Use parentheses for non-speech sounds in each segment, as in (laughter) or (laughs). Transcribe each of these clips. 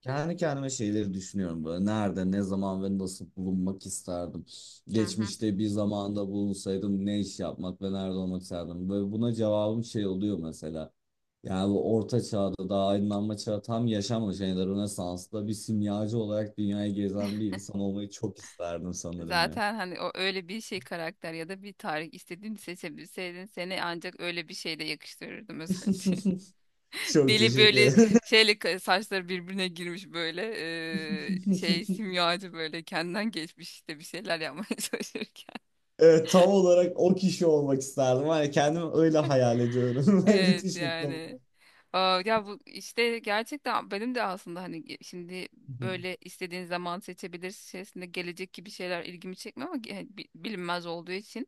Kendi kendime şeyleri düşünüyorum böyle. Nerede, ne zaman ve nasıl bulunmak isterdim. Hı hı. Geçmişte bir zamanda bulunsaydım ne iş yapmak ve nerede olmak isterdim. Böyle buna cevabım şey oluyor mesela. Yani bu orta çağda daha aydınlanma çağı tam yaşanmamış. Yani de Rönesans'ta bir simyacı olarak dünyayı gezen bir insan olmayı çok isterdim sanırım ya. Zaten hani o öyle bir şey karakter ya da bir tarih istediğini seçebilseydin seni ancak öyle bir şeyle yakıştırırdım özellikle. (laughs) (laughs) Çok Deli teşekkür böyle ederim. Saçları birbirine girmiş böyle şey (laughs) simyacı böyle kendinden geçmiş işte bir şeyler yapmaya (laughs) çalışırken. Evet, tam olarak o kişi olmak isterdim. Hani kendimi öyle hayal ediyorum. (laughs) Evet Müthiş mutlu yani. oldum. Ya bu işte gerçekten benim de aslında şimdi böyle istediğin zaman seçebilirsin şeklinde gelecek gibi şeyler ilgimi çekmiyor ama bilinmez olduğu için.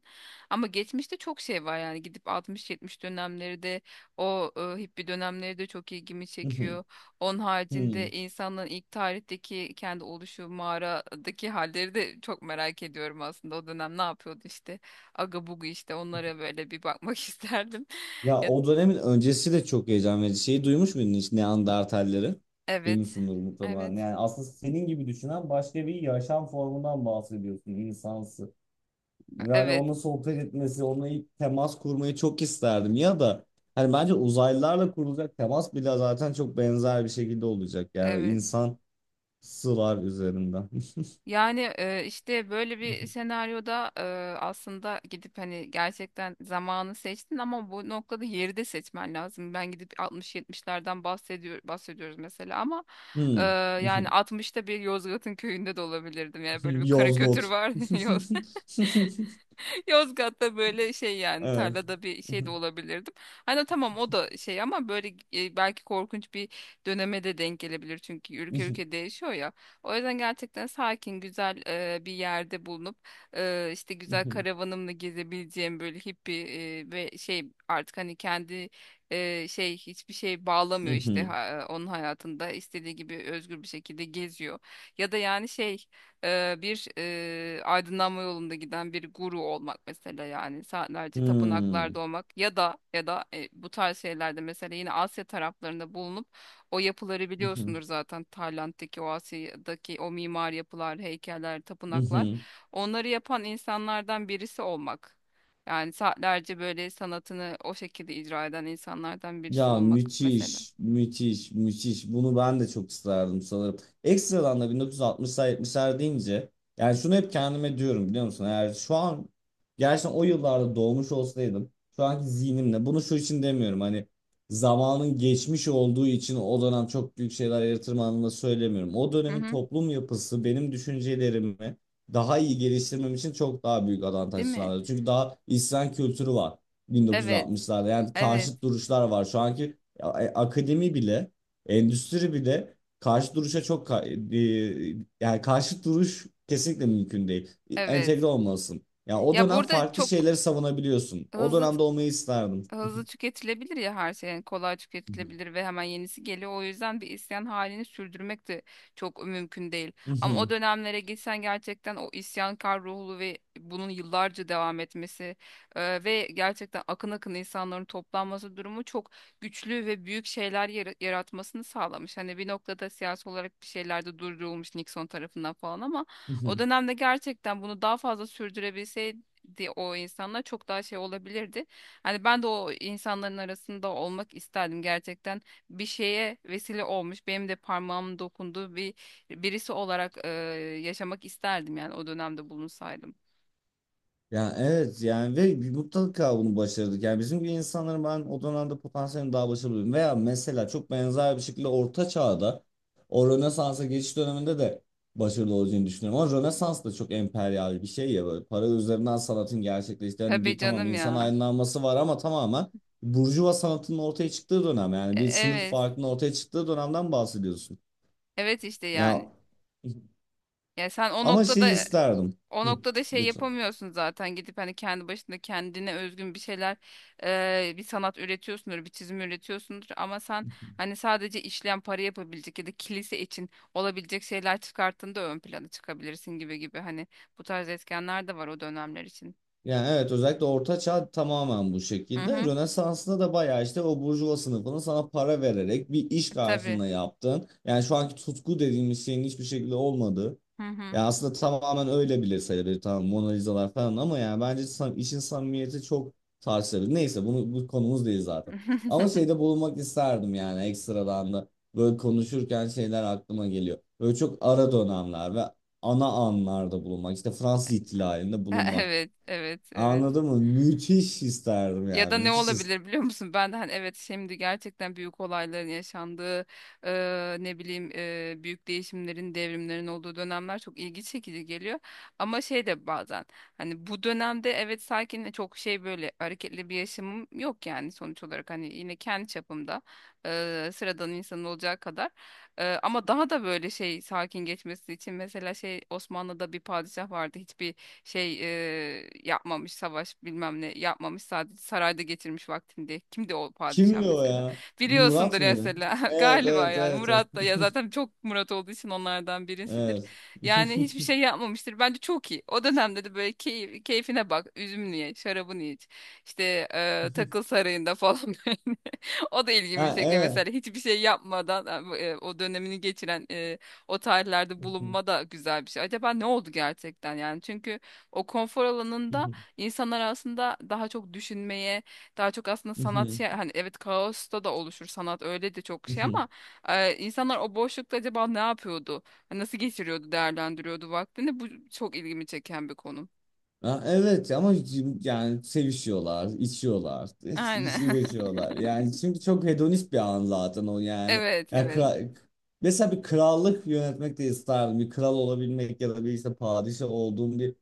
Ama geçmişte çok şey var yani gidip 60-70 dönemleri de hippie dönemleri de çok ilgimi çekiyor. (laughs) Onun Hmm. haricinde insanların ilk tarihteki kendi oluşu mağaradaki halleri de çok merak ediyorum aslında. O dönem ne yapıyordu işte aga bugu işte onlara böyle bir bakmak (laughs) isterdim. Ya Ya, o dönemin öncesi de çok heyecan verici. Şeyi duymuş muydun hiç Neandertalleri? evet. Duymuşsundur mutlaka. Evet. Yani aslında senin gibi düşünen başka bir yaşam formundan bahsediyorsun insansı. Yani Evet, onunla sohbet etmesi, onunla ilk temas kurmayı çok isterdim. Ya da hani bence uzaylılarla kurulacak temas bile zaten çok benzer bir şekilde olacak. Yani evet. insan sılar üzerinden. (laughs) Yani işte böyle bir senaryoda, aslında gidip hani gerçekten zamanı seçtin ama bu noktada yeri de seçmen lazım. Ben gidip 60-70'lerden bahsediyoruz mesela ama e, Hmm. yani (laughs) 60'ta bir Yozgat'ın köyünde de olabilirdim. Yani böyle bir karikatür Yozgot. var. (laughs) (laughs) Yozgat'ta böyle şey yani (laughs) Evet. tarlada bir şey de olabilirdim. Hani tamam o da şey ama böyle, belki korkunç bir döneme de denk gelebilir çünkü ülke ülke değişiyor ya. O yüzden gerçekten sakin güzel, bir yerde bulunup, işte güzel (laughs) karavanımla gezebileceğim böyle hippie ve şey artık hani kendi şey hiçbir şey bağlamıyor işte Uhum. ha- onun hayatında istediği gibi özgür bir şekilde geziyor. Ya da yani şey, bir aydınlanma yolunda giden bir guru olmak mesela yani saatlerce tapınaklarda Hum. olmak ya da bu tarz şeylerde mesela yine Asya taraflarında bulunup o yapıları biliyorsundur Uhum. zaten Tayland'daki o Asya'daki o mimar yapılar, heykeller, tapınaklar Uhum. onları yapan insanlardan birisi olmak. Yani saatlerce böyle sanatını o şekilde icra eden insanlardan birisi Ya olmak mesela. müthiş, müthiş, müthiş. Bunu ben de çok isterdim sanırım. Ekstradan da 1960'lar 70'ler deyince yani şunu hep kendime diyorum biliyor musun? Eğer şu an gerçekten o yıllarda doğmuş olsaydım şu anki zihnimle bunu şu için demiyorum hani zamanın geçmiş olduğu için o dönem çok büyük şeyler yaratırım anlamında söylemiyorum. O Hı dönemin hı. toplum yapısı benim düşüncelerimi daha iyi geliştirmem için çok daha büyük avantaj Değil mi? sağladı. Çünkü daha isyan kültürü var. Evet, 1960'larda. Yani evet, karşıt duruşlar var. Şu anki akademi bile, endüstri bile karşı duruşa çok yani karşı duruş kesinlikle mümkün değil. Evet. Entegre olmalısın. Yani o Ya dönem burada farklı çok şeyleri savunabiliyorsun. O hızlı dönemde olmayı isterdim. hızlı tüketilebilir ya her şey yani kolay Hı hı. tüketilebilir ve hemen yenisi geliyor. O yüzden bir isyan halini sürdürmek de çok mümkün değil. Hı Ama hı. o dönemlere gitsen gerçekten o isyankar ruhlu ve bunun yıllarca devam etmesi ve gerçekten akın akın insanların toplanması durumu çok güçlü ve büyük şeyler yaratmasını sağlamış. Hani bir noktada siyasi olarak bir şeyler de durdurulmuş Nixon tarafından falan ama Hı o hı. dönemde gerçekten bunu daha fazla sürdürebilseydi o insanlar çok daha şey olabilirdi. Hani ben de o insanların arasında olmak isterdim gerçekten. Bir şeye vesile olmuş, benim de parmağım dokunduğu bir birisi olarak, yaşamak isterdim yani o dönemde bulunsaydım. Ya evet yani ve bir mutlaka bunu başardık. Yani bizim gibi insanların ben o dönemde potansiyelini daha başarılı buldum. Veya mesela çok benzer bir şekilde Orta Çağ'da o Rönesans'a geçiş döneminde de başarılı olacağını düşünüyorum. Ama Rönesans da çok emperyal bir şey ya böyle para üzerinden sanatın gerçekleştiği. Hani Tabii bir tamam canım insan ya. aydınlanması var ama tamamen burjuva sanatının ortaya çıktığı dönem. Yani bir sınıf Evet. farkının ortaya çıktığı dönemden bahsediyorsun. Evet işte Ya yani. Ya sen o ama şeyi noktada. isterdim. O Hı, noktada şey lütfen. yapamıyorsun zaten gidip hani kendi başında kendine özgün bir şeyler bir sanat üretiyorsundur bir çizim üretiyorsundur ama sen hani sadece işleyen para yapabilecek ya da kilise için olabilecek şeyler çıkarttığında ön plana çıkabilirsin gibi gibi hani bu tarz etkenler de var o dönemler için. Yani evet özellikle Orta Çağ tamamen bu Hı şekilde. hı. Rönesans'ta da bayağı işte o burjuva sınıfının sana para vererek bir iş E, tabii. karşılığında yaptığın. Yani şu anki tutku dediğimiz şeyin hiçbir şekilde olmadığı. Hı hı. Yani aslında tamamen öyle bile sayılır. Tamam Mona Lisa'lar falan ama yani bence işin samimiyeti çok tartışılır. Neyse bunu bu konumuz değil zaten. Ama (laughs) şeyde bulunmak isterdim yani ekstradan da. Böyle konuşurken şeyler aklıma geliyor. Böyle çok ara dönemler ve ana anlarda bulunmak. İşte Fransız ihtilalinde bulunmak. Evet, evet, evet. Anladın mı? Müthiş isterdim Ya yani. da ne Müthiş isterdim. olabilir biliyor musun? Ben de hani evet şimdi gerçekten büyük olayların yaşandığı ne bileyim büyük değişimlerin, devrimlerin olduğu dönemler çok ilgi çekici geliyor. Ama şey de bazen hani bu dönemde evet sakin çok şey böyle hareketli bir yaşamım yok yani sonuç olarak hani yine kendi çapımda, sıradan insan olacağı kadar. Ama daha da böyle şey sakin geçmesi için mesela şey Osmanlı'da bir padişah vardı hiçbir şey yapmamış savaş bilmem ne yapmamış sadece sarayda getirmiş vaktinde. Kimdi o padişah Kimdi o mesela? ya? Murat Biliyorsundur mıydı? mesela (laughs) Evet, galiba evet, yani evet, evet. Murat da ya (laughs) zaten çok Murat olduğu için onlardan birisidir. Evet. Yani hiçbir şey (laughs) yapmamıştır. Bence çok iyi. O dönemde de böyle keyfine bak. Üzümünü ye, şarabını iç. İşte, takıl sarayında falan (laughs) böyle. O da ilgimi Ha, çekiyor evet. mesela. Hiçbir şey yapmadan, o dönemini geçiren, o tarihlerde bulunma da güzel bir şey. Acaba ne oldu gerçekten yani? Çünkü o konfor alanında insanlar aslında daha çok düşünmeye, daha çok aslında sanat şey, hani evet kaosta da oluşur sanat öyle de çok şey ama (laughs) insanlar o boşlukta acaba ne yapıyordu? Hani nasıl geçiriyordu, değerlendiriyordu vaktini? Bu çok ilgimi çeken bir konu. Ha, evet ama yani sevişiyorlar, içiyorlar, Aynen. (laughs) (laughs) üreşiyorlar. Yani çünkü çok hedonist bir an zaten o yani. Evet, Ya evet. kra- mesela bir krallık yönetmek de isterdim. Bir kral olabilmek ya da bir işte padişah olduğum bir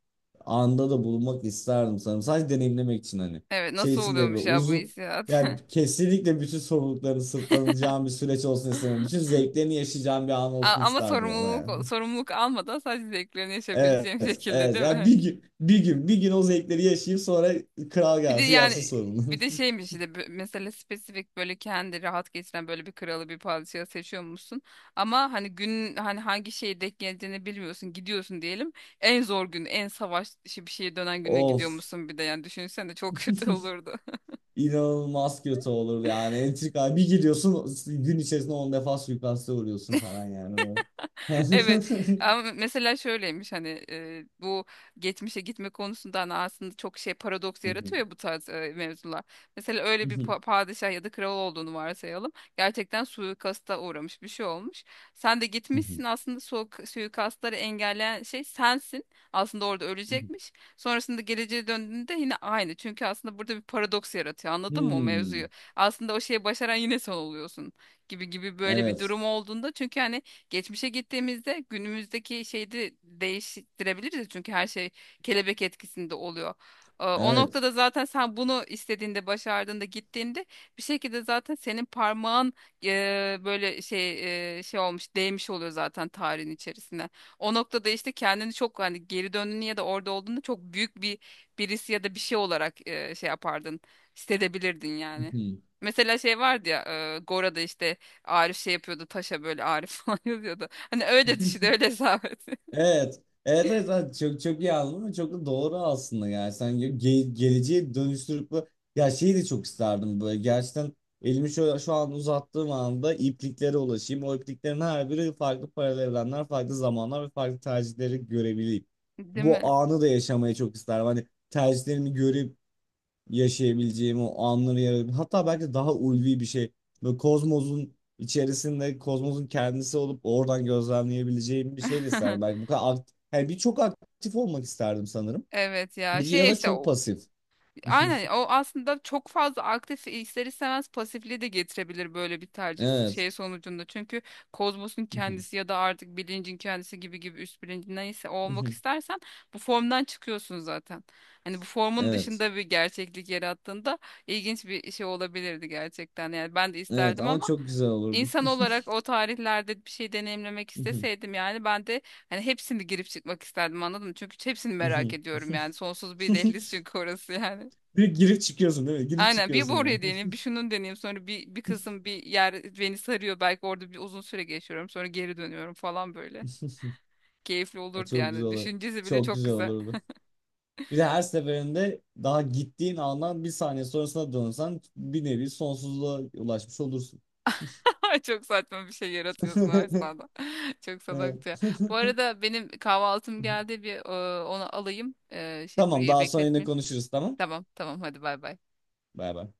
anda da bulunmak isterdim sanırım. Sadece deneyimlemek için hani. Evet, Şey nasıl için değil böyle oluyormuş ya bu uzun hissiyat? yani (laughs) kesinlikle bütün sorumluluklarını sırtlanacağım bir süreç olsun istemem. Bütün zevklerini yaşayacağım bir an olsun Ama isterdim ama yani. Sorumluluk almadan sadece zevklerini Evet, yaşayabileceğim (laughs) şekilde evet. değil Yani mi? bir gün, bir gün, bir gün o zevkleri yaşayıp sonra kral Bir de gelsin yapsın yani sorunu. bir de şeymiş işte, mesela spesifik böyle kendi rahat geçiren böyle bir kralı bir padişahı seçiyor musun? Ama hani gün hani hangi şeye denk geleceğini bilmiyorsun gidiyorsun diyelim. En zor gün en savaş işi bir şeye dönen güne (laughs) gidiyor Of. musun bir de yani düşünsene çok (laughs) kötü (laughs) olurdu. İnanılmaz kötü olur yani. Entrika bir gidiyorsun gün içerisinde 10 defa suikaste uğruyorsun falan yani. (laughs) Evet (laughs) ama mesela şöyleymiş hani, bu geçmişe gitme konusunda hani aslında çok şey paradoks yaratıyor ya bu tarz mevzular. Mesela öyle bir padişah ya da kral olduğunu varsayalım. Gerçekten suikasta uğramış bir şey olmuş. Sen de gitmişsin aslında suikastları engelleyen şey sensin. Aslında orada ölecekmiş. Sonrasında geleceğe döndüğünde yine aynı. Çünkü aslında burada bir paradoks yaratıyor anladın mı o Hmm, mevzuyu? Aslında o şeyi başaran yine sen oluyorsun gibi gibi böyle bir evet. durum olduğunda çünkü hani geçmişe gittiğimizde günümüzdeki şeyi de değiştirebiliriz ya çünkü her şey kelebek etkisinde oluyor. O Evet. noktada zaten sen bunu istediğinde, başardığında, gittiğinde bir şekilde zaten senin parmağın böyle, şey olmuş, değmiş oluyor zaten tarihin içerisine. O noktada işte kendini çok hani geri döndüğünü ya da orada olduğunda çok büyük bir birisi ya da bir şey olarak, şey yapardın, hissedebilirdin yani. Mesela şey vardı ya Gora'da işte Arif şey yapıyordu taşa böyle Arif (laughs) falan yazıyordu. Hani öyle düşün (laughs) öyle hesap et. (laughs) Evet. Evet, evet, evet. Çok çok iyi anladım ve çok da doğru aslında yani sen geleceği dönüştürüp ya şeyi de çok isterdim böyle gerçekten elimi şöyle şu an uzattığım anda ipliklere ulaşayım, o ipliklerin her biri farklı paralel evrenler, farklı zamanlar ve farklı tercihleri görebileyim, Değil bu mi? anı da yaşamayı çok isterdim hani tercihlerimi görüp yaşayabileceğim o anları yarayabileceğim. Hatta belki daha ulvi bir şey. Böyle kozmosun içerisinde kozmosun kendisi olup oradan gözlemleyebileceğim bir şey de isterdim. (laughs) Belki bu kadar aktif, yani bir çok aktif olmak isterdim sanırım. Evet ya Bir ya şey da işte çok o, pasif. (laughs) aynen o aslında çok fazla aktif ister istemez pasifliği de getirebilir böyle bir tercih Evet. şey sonucunda. Çünkü kozmosun (laughs) kendisi ya da artık bilincin kendisi gibi gibi üst bilincin neyse o olmak istersen bu formdan çıkıyorsun zaten. Hani bu formun Evet. dışında bir gerçeklik yarattığında ilginç bir şey olabilirdi gerçekten. Yani ben de Evet isterdim ama ama çok güzel olurdu. İnsan olarak o tarihlerde bir şey deneyimlemek (laughs) isteseydim yani ben de hani hepsini girip çıkmak isterdim anladın mı? Çünkü hepsini merak ediyorum yani. Sonsuz bir dehliz çünkü orası yani. Bir girip çıkıyorsun değil mi? Girip Aynen bir bu çıkıyorsun böyle. oraya (laughs) deneyeyim bir şunun deneyeyim sonra bir kısım bir yer beni sarıyor belki orada bir uzun süre geçiyorum sonra geri dönüyorum falan böyle. Keyifli Ay, olurdu çok güzel yani. olur. Düşüncesi bile Çok çok güzel güzel. olurdu. Bir de her seferinde daha gittiğin andan bir saniye sonrasına dönsen bir nevi sonsuzluğa ulaşmış olursun. (laughs) Çok saçma bir şey yaratıyorsun o esnada. (laughs) (laughs) Çok salakça. Evet. Bu arada benim kahvaltım (laughs) geldi bir, onu alayım. Şey Tamam, kuryeyi daha sonra yine bekletmeyeyim. konuşuruz, tamam. Tamam tamam hadi bay bay. Bay bay.